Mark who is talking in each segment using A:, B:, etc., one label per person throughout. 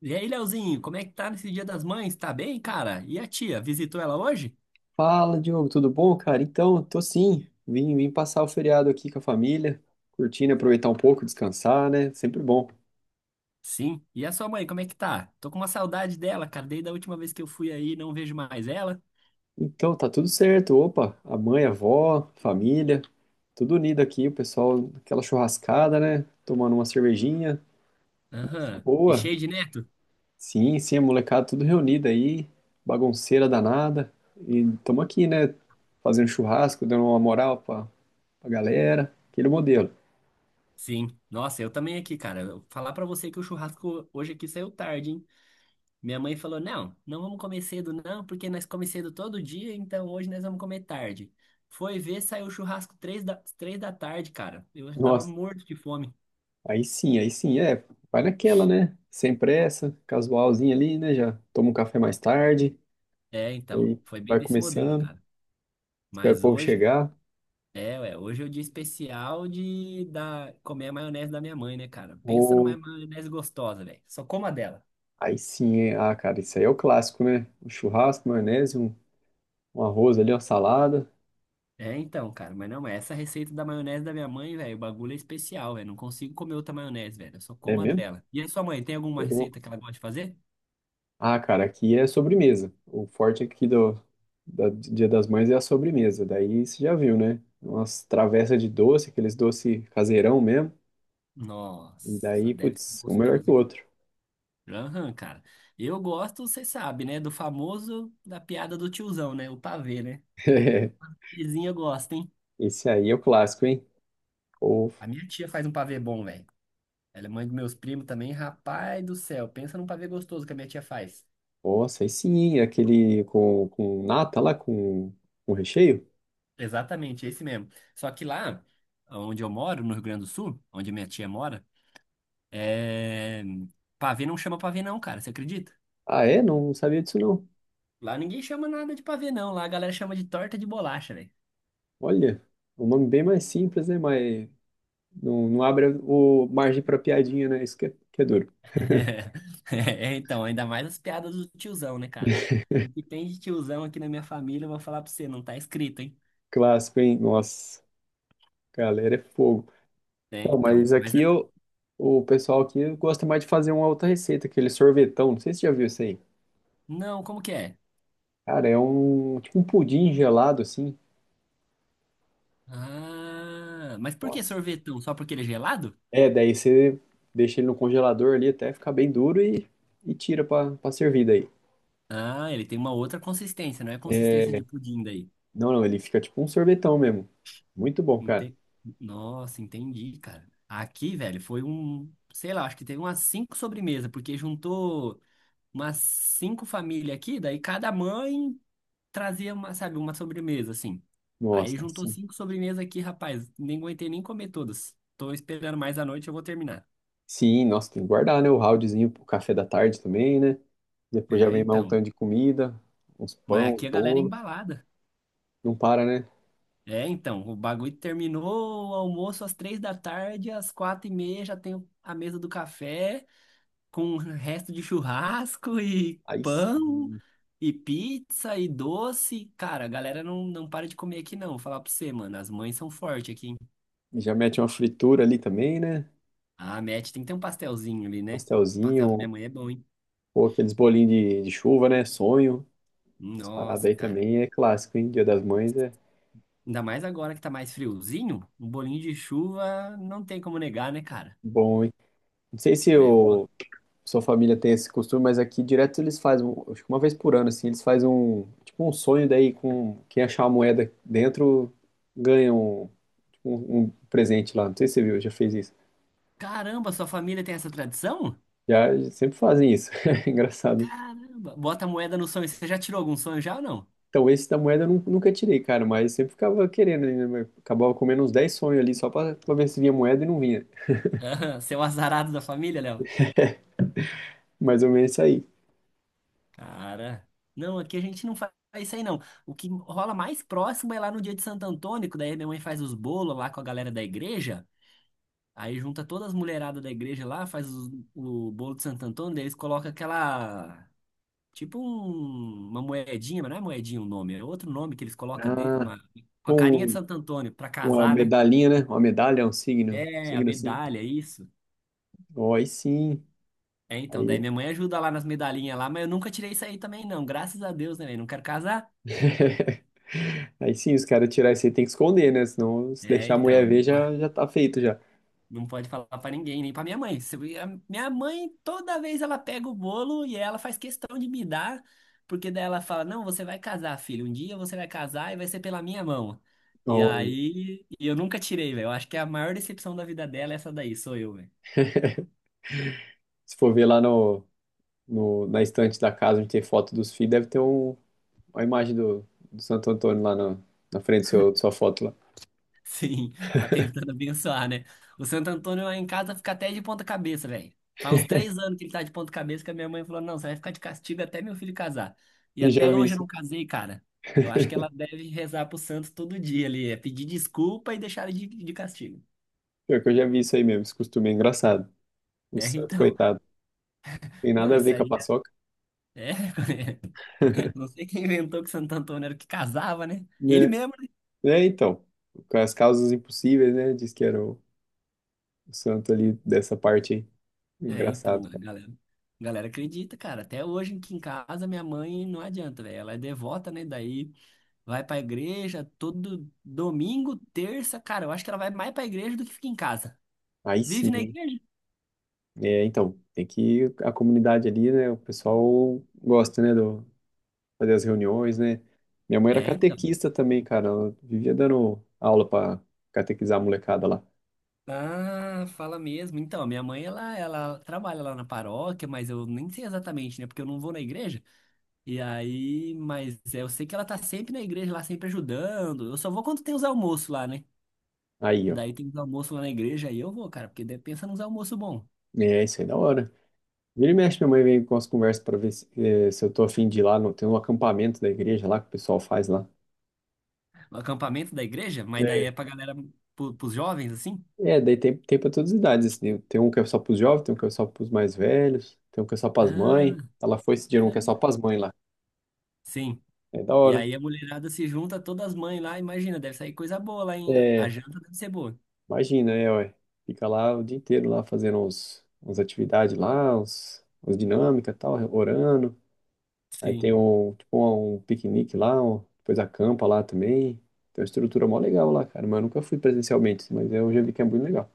A: E aí, Leozinho, como é que tá nesse Dia das Mães? Tá bem, cara? E a tia, visitou ela hoje?
B: Fala, Diogo, tudo bom, cara? Então, tô sim. Vim passar o feriado aqui com a família, curtindo, aproveitar um pouco, descansar, né? Sempre bom.
A: Sim. E a sua mãe, como é que tá? Tô com uma saudade dela, cara. Desde a última vez que eu fui aí, não vejo mais ela.
B: Então, tá tudo certo. Opa, a mãe, a avó, família, tudo unido aqui, o pessoal, aquela churrascada, né? Tomando uma cervejinha. Tá
A: Aham. E
B: boa.
A: cheio de neto?
B: Sim, sim, a molecada tudo reunida aí, bagunceira danada. E tamo aqui, né? Fazendo churrasco, dando uma moral pra galera, aquele modelo.
A: Sim. Nossa, eu também aqui, cara. Eu vou falar pra você que o churrasco hoje aqui saiu tarde, hein? Minha mãe falou: não, não vamos comer cedo, não, porque nós comemos cedo todo dia, então hoje nós vamos comer tarde. Foi ver, saiu o churrasco três da tarde, cara. Eu já tava
B: Nossa.
A: morto de fome.
B: Aí sim, é, vai naquela, né? Sem pressa, casualzinho ali, né? Já toma um café mais tarde,
A: É, então.
B: aí
A: Foi bem
B: vai
A: desse modelo,
B: começando,
A: cara.
B: espera o
A: Mas
B: povo
A: hoje,
B: chegar.
A: é, ué, hoje é o dia especial de comer a maionese da minha mãe, né, cara? Pensa
B: Ou
A: numa maionese gostosa, velho. Só coma dela.
B: aí sim, é, ah, cara, isso aí é o clássico, né? Um churrasco, maionese, um arroz ali, uma salada.
A: É, então, cara, mas não, essa receita da maionese da minha mãe, velho, o bagulho é especial, velho. Não consigo comer outra maionese, velho. Eu só
B: É
A: como a
B: mesmo?
A: dela. E a sua mãe, tem alguma
B: Tô louco.
A: receita que ela gosta de fazer?
B: Ah, cara, aqui é sobremesa. O forte aqui do Dia das Mães é a sobremesa. Daí você já viu, né? Umas travessas de doce, aqueles doce caseirão mesmo. E
A: Nossa,
B: daí,
A: deve ser
B: putz, um melhor que
A: gostoso,
B: o
A: hein?
B: outro.
A: Aham, cara. Eu gosto, você sabe, né, do famoso da piada do tiozão, né? O pavê, né? Vizinha gosta, hein?
B: Esse aí é o clássico, hein? Ou,
A: A minha tia faz um pavê bom, velho. Ela é mãe dos meus primos também, rapaz do céu. Pensa num pavê gostoso que a minha tia faz.
B: nossa, aí sim, hein? Aquele com nata lá, com recheio?
A: Exatamente, esse mesmo. Só que lá, onde eu moro, no Rio Grande do Sul, onde minha tia mora, é... pavê não chama pavê não, cara, você acredita?
B: Ah, é? Não sabia disso, não.
A: Lá ninguém chama nada de pavê não, lá a galera chama de torta de bolacha, velho.
B: Olha, é um nome bem mais simples, né? Mas não abre o margem para piadinha, né? Isso que é duro.
A: É, então, ainda mais as piadas do tiozão, né, cara? O que tem de tiozão aqui na minha família, eu vou falar pra você, não tá escrito, hein?
B: Clássico, hein? Nossa, galera, é fogo.
A: É,
B: Então,
A: então,
B: mas aqui o pessoal aqui gosta mais de fazer uma outra receita, aquele sorvetão. Não sei se você já viu isso aí.
A: Não, como que é?
B: Cara, é um tipo um pudim gelado, assim.
A: Ah, mas por que
B: Nossa.
A: sorvetão? Só porque ele é gelado?
B: É, daí você deixa ele no congelador ali até ficar bem duro e tira pra servir
A: Ah, ele tem uma outra consistência, não é
B: daí.
A: consistência de pudim daí.
B: Não, não, ele fica tipo um sorvetão mesmo. Muito bom, cara.
A: Ente... Nossa, entendi, cara. Aqui, velho, foi um, sei lá, acho que teve umas cinco sobremesas, porque juntou umas cinco famílias aqui, daí cada mãe trazia uma, sabe, uma sobremesa, assim. Aí
B: Nossa,
A: juntou
B: sim.
A: cinco sobremesas aqui, rapaz, nem aguentei nem comer todas. Tô esperando mais à noite, eu vou terminar.
B: Sim, nossa, tem que guardar, né? O roundzinho pro café da tarde também, né? Depois já
A: É,
B: vem mais um
A: então.
B: tanto de comida, uns
A: Mas
B: pão, uns
A: aqui a galera é
B: bolo.
A: embalada.
B: Não para, né?
A: É, então, o bagulho terminou o almoço às três da tarde, às quatro e meia já tem a mesa do café, com o resto de churrasco e
B: Aí
A: pão
B: sim.
A: e pizza e doce. Cara, a galera não para de comer aqui não, vou falar pra você, mano, as mães são fortes aqui, hein?
B: Já mete uma fritura ali também, né?
A: Ah, Matt, tem que ter um pastelzinho ali, né? O pastel da
B: Pastelzinho,
A: minha mãe é bom, hein?
B: ou aqueles bolinhos de chuva, né? Sonho. As paradas
A: Nossa,
B: aí
A: cara.
B: também é clássico, hein? Dia das Mães é
A: Ainda mais agora que tá mais friozinho, um bolinho de chuva não tem como negar, né, cara?
B: bom, hein? Não sei se
A: É, eu...
B: o
A: gosto.
B: sua família tem esse costume, mas aqui direto eles fazem, acho que uma vez por ano, assim, eles fazem um, tipo um sonho daí com quem achar a moeda dentro ganha um, tipo, um presente lá. Não sei se você viu, já fez isso.
A: Caramba, sua família tem essa tradição?
B: Já sempre fazem isso. É engraçado.
A: Caramba, bota a moeda no sonho. Você já tirou algum sonho já ou não?
B: Então esse da moeda eu nunca tirei, cara, mas sempre ficava querendo, né? Acabava comendo uns 10 sonhos ali só pra ver se vinha moeda e não vinha.
A: Aham, seu azarado da família, Léo?
B: Mais ou menos isso aí.
A: Cara, não, aqui a gente não faz isso aí não. O que rola mais próximo é lá no dia de Santo Antônio, que daí minha mãe faz os bolos lá com a galera da igreja. Aí junta todas as mulheradas da igreja lá, faz o bolo de Santo Antônio, daí eles colocam aquela. Tipo uma moedinha, mas não é moedinha o nome, é outro nome que eles colocam
B: Ah,
A: uma, com a carinha de
B: com
A: Santo Antônio pra
B: uma
A: casar, né?
B: medalhinha, né? Uma medalha, um signo,
A: É, a
B: signo assim.
A: medalha, isso.
B: Ó, aí sim.
A: É, então, daí
B: Aí.
A: minha mãe ajuda lá nas medalhinhas lá, mas eu nunca tirei isso aí também, não. Graças a Deus, né, velho? Não quero casar.
B: Aí sim, os caras tirar isso aí tem que esconder, né? Senão, se
A: É,
B: deixar a
A: então,
B: mulher ver, já tá feito já.
A: não pode falar pra ninguém, nem pra minha mãe. Se eu- a Minha mãe, toda vez ela pega o bolo e ela faz questão de me dar, porque daí ela fala, não, você vai casar, filho. Um dia você vai casar e vai ser pela minha mão. E
B: Ó,
A: aí, e eu nunca tirei, velho. Eu acho que a maior decepção da vida dela é essa daí, sou eu, velho.
B: se for ver lá na estante da casa onde tem foto dos filhos, deve ter uma imagem do Santo Antônio lá na frente da sua foto lá.
A: Sim, a tentando abençoar, né? O Santo Antônio lá em casa fica até de ponta cabeça, velho. Faz uns 3 anos que ele tá de ponta cabeça que a minha mãe falou, não, você vai ficar de castigo até meu filho casar. E
B: Eu já
A: até
B: vi
A: hoje eu
B: isso.
A: não casei, cara. Eu acho que ela deve rezar pro santo todo dia ali, é pedir desculpa e deixar ele de castigo.
B: Pior que eu já vi isso aí mesmo. Esse costume é engraçado. O
A: É,
B: santo,
A: então.
B: coitado. Tem
A: Não,
B: nada a
A: isso
B: ver com a
A: aí
B: paçoca,
A: é. Não sei quem inventou que o Santo Antônio era o que casava, né? Ele
B: né?
A: mesmo, né?
B: É, então. Com as causas impossíveis, né? Diz que era o santo ali dessa parte aí.
A: É, então,
B: Engraçado,
A: a
B: cara.
A: galera. a Galera acredita, cara. Até hoje aqui em casa, minha mãe não adianta, velho. Ela é devota, né? Daí. Vai pra igreja todo domingo, terça, cara. Eu acho que ela vai mais pra igreja do que fica em casa.
B: Aí
A: Vive
B: sim.
A: na
B: Hein?
A: igreja?
B: É, então, tem que a comunidade ali, né? O pessoal gosta, né, do fazer as reuniões, né? Minha mãe era
A: É, então.
B: catequista também, cara. Ela vivia dando aula pra catequizar a molecada lá.
A: Ah, fala mesmo. Então, minha mãe, ela trabalha lá na paróquia, mas eu nem sei exatamente, né? Porque eu não vou na igreja. E aí, mas é, eu sei que ela tá sempre na igreja lá, sempre ajudando. Eu só vou quando tem os almoços lá, né?
B: Aí,
A: E
B: ó.
A: daí tem os almoços lá na igreja, aí eu vou, cara, porque daí pensa nos almoços bons.
B: É, isso aí é da hora. Vira e mexe, minha mãe vem com as conversas pra ver se eu tô afim de ir lá. No, tem um acampamento da igreja lá que o pessoal faz lá.
A: O acampamento da igreja, mas daí
B: É,
A: é pra galera, pros jovens, assim.
B: É, daí tem pra todas as idades, assim. Né? Tem um que é só pros jovens, tem um que é só pros mais velhos, tem um que é só pras
A: Ah,
B: mães. Ela foi esse dia um que é só
A: caramba.
B: pras mães lá.
A: Sim.
B: É da
A: E
B: hora.
A: aí a mulherada se junta, todas as mães lá, imagina, deve sair coisa boa lá, hein? A
B: É
A: janta deve ser boa.
B: imagina, é, ué. Fica lá o dia inteiro lá fazendo uns atividades lá, uns dinâmica e tal, orando. Aí tem
A: Sim.
B: um, tipo, um piquenique lá, um, depois acampa lá também. Tem uma estrutura mó legal lá, cara, mas eu nunca fui presencialmente, mas eu já vi que é muito legal.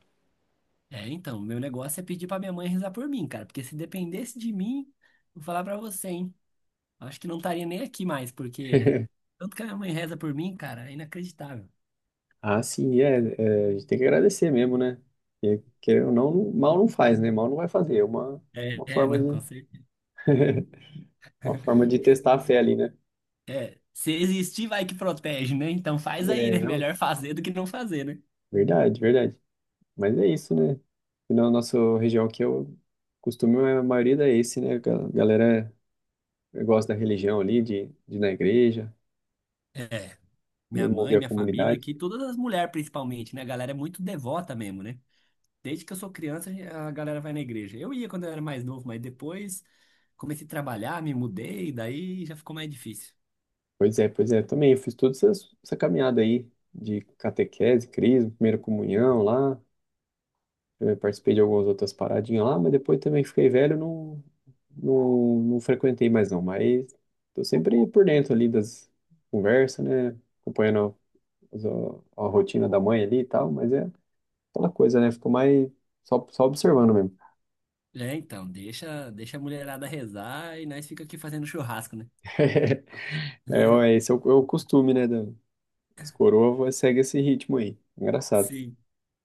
A: É, então, meu negócio é pedir pra minha mãe rezar por mim, cara, porque se dependesse de mim, vou falar pra você, hein? Acho que não estaria nem aqui mais, porque tanto que a minha mãe reza por mim, cara, é inacreditável.
B: Ah, sim, é, a gente tem que agradecer mesmo, né? Porque, querendo ou não, mal não faz, né? Mal não vai fazer, é uma,
A: É,
B: uma
A: é,
B: forma
A: não, com
B: de,
A: certeza.
B: uma forma de testar a fé ali, né?
A: É, se existir, vai que protege, né? Então faz aí,
B: É,
A: né?
B: é
A: Melhor fazer do que não fazer, né?
B: verdade, verdade. Mas é isso, né? E na nossa região aqui, eu costumo, a maioria é esse, né? A galera gosta da religião ali, de ir na igreja,
A: É,
B: de
A: minha
B: mover
A: mãe,
B: a
A: minha família
B: comunidade.
A: aqui, todas as mulheres principalmente, né? A galera é muito devota mesmo, né? Desde que eu sou criança, a galera vai na igreja. Eu ia quando eu era mais novo, mas depois comecei a trabalhar, me mudei, daí já ficou mais difícil.
B: Pois é, pois é. Também eu fiz toda essa caminhada aí de catequese, crisma, primeira comunhão lá. Eu participei de algumas outras paradinhas lá, mas depois também fiquei velho, não frequentei mais não. Mas tô sempre por dentro ali das conversas, né? Acompanhando a rotina da mãe ali e tal, mas é. Aquela coisa, né? Ficou mais só observando mesmo.
A: É, então, deixa a mulherada rezar e nós fica aqui fazendo churrasco, né?
B: É, ó, esse é o costume, né? Da os coroa segue esse ritmo aí. Engraçado.
A: Sim,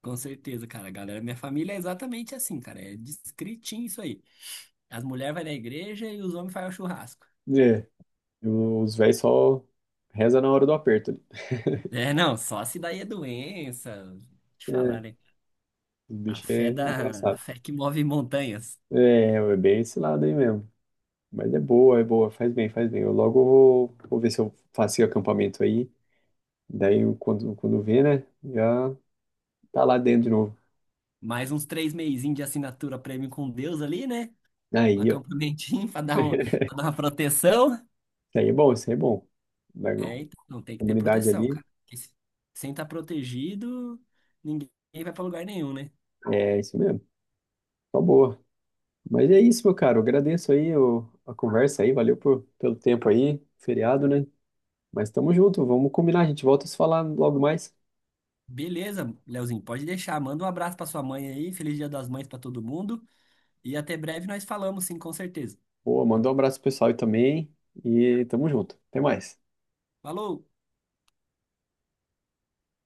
A: com certeza, cara. Galera, minha família é exatamente assim, cara. É discritinho isso aí. As mulheres vão na igreja e os homens fazem o churrasco.
B: É, e os velhos só reza na hora do aperto ali.
A: É, não, só se daí é doença. Vou te
B: É,
A: falar, né?
B: os
A: A
B: bichos
A: fé
B: é
A: da, a
B: engraçado.
A: fé que move montanhas.
B: É, é, bem esse lado aí mesmo. Mas é boa, faz bem, faz bem. Eu logo vou ver se eu faço o acampamento aí. Daí quando vê, né? Já tá lá dentro de novo.
A: Mais uns 3 meizinhos de assinatura premium com Deus ali, né? Um
B: Aí, ó.
A: Acampamentinho pra
B: Isso
A: dar uma proteção.
B: aí é bom, isso aí é bom. Da
A: É, então tem que ter
B: comunidade
A: proteção,
B: ali.
A: cara. Porque se- Sem estar protegido, ninguém vai para lugar nenhum, né?
B: É isso mesmo. Tá boa. Mas é isso, meu caro. Eu agradeço aí a conversa aí. Valeu pelo tempo aí. Feriado, né? Mas tamo junto. Vamos combinar. A gente volta a se falar logo mais.
A: Beleza, Leozinho, pode deixar. Manda um abraço para sua mãe aí. Feliz Dia das Mães para todo mundo. E até breve nós falamos, sim, com certeza.
B: Boa, manda um abraço pro pessoal aí também. E tamo junto. Até mais.
A: Falou!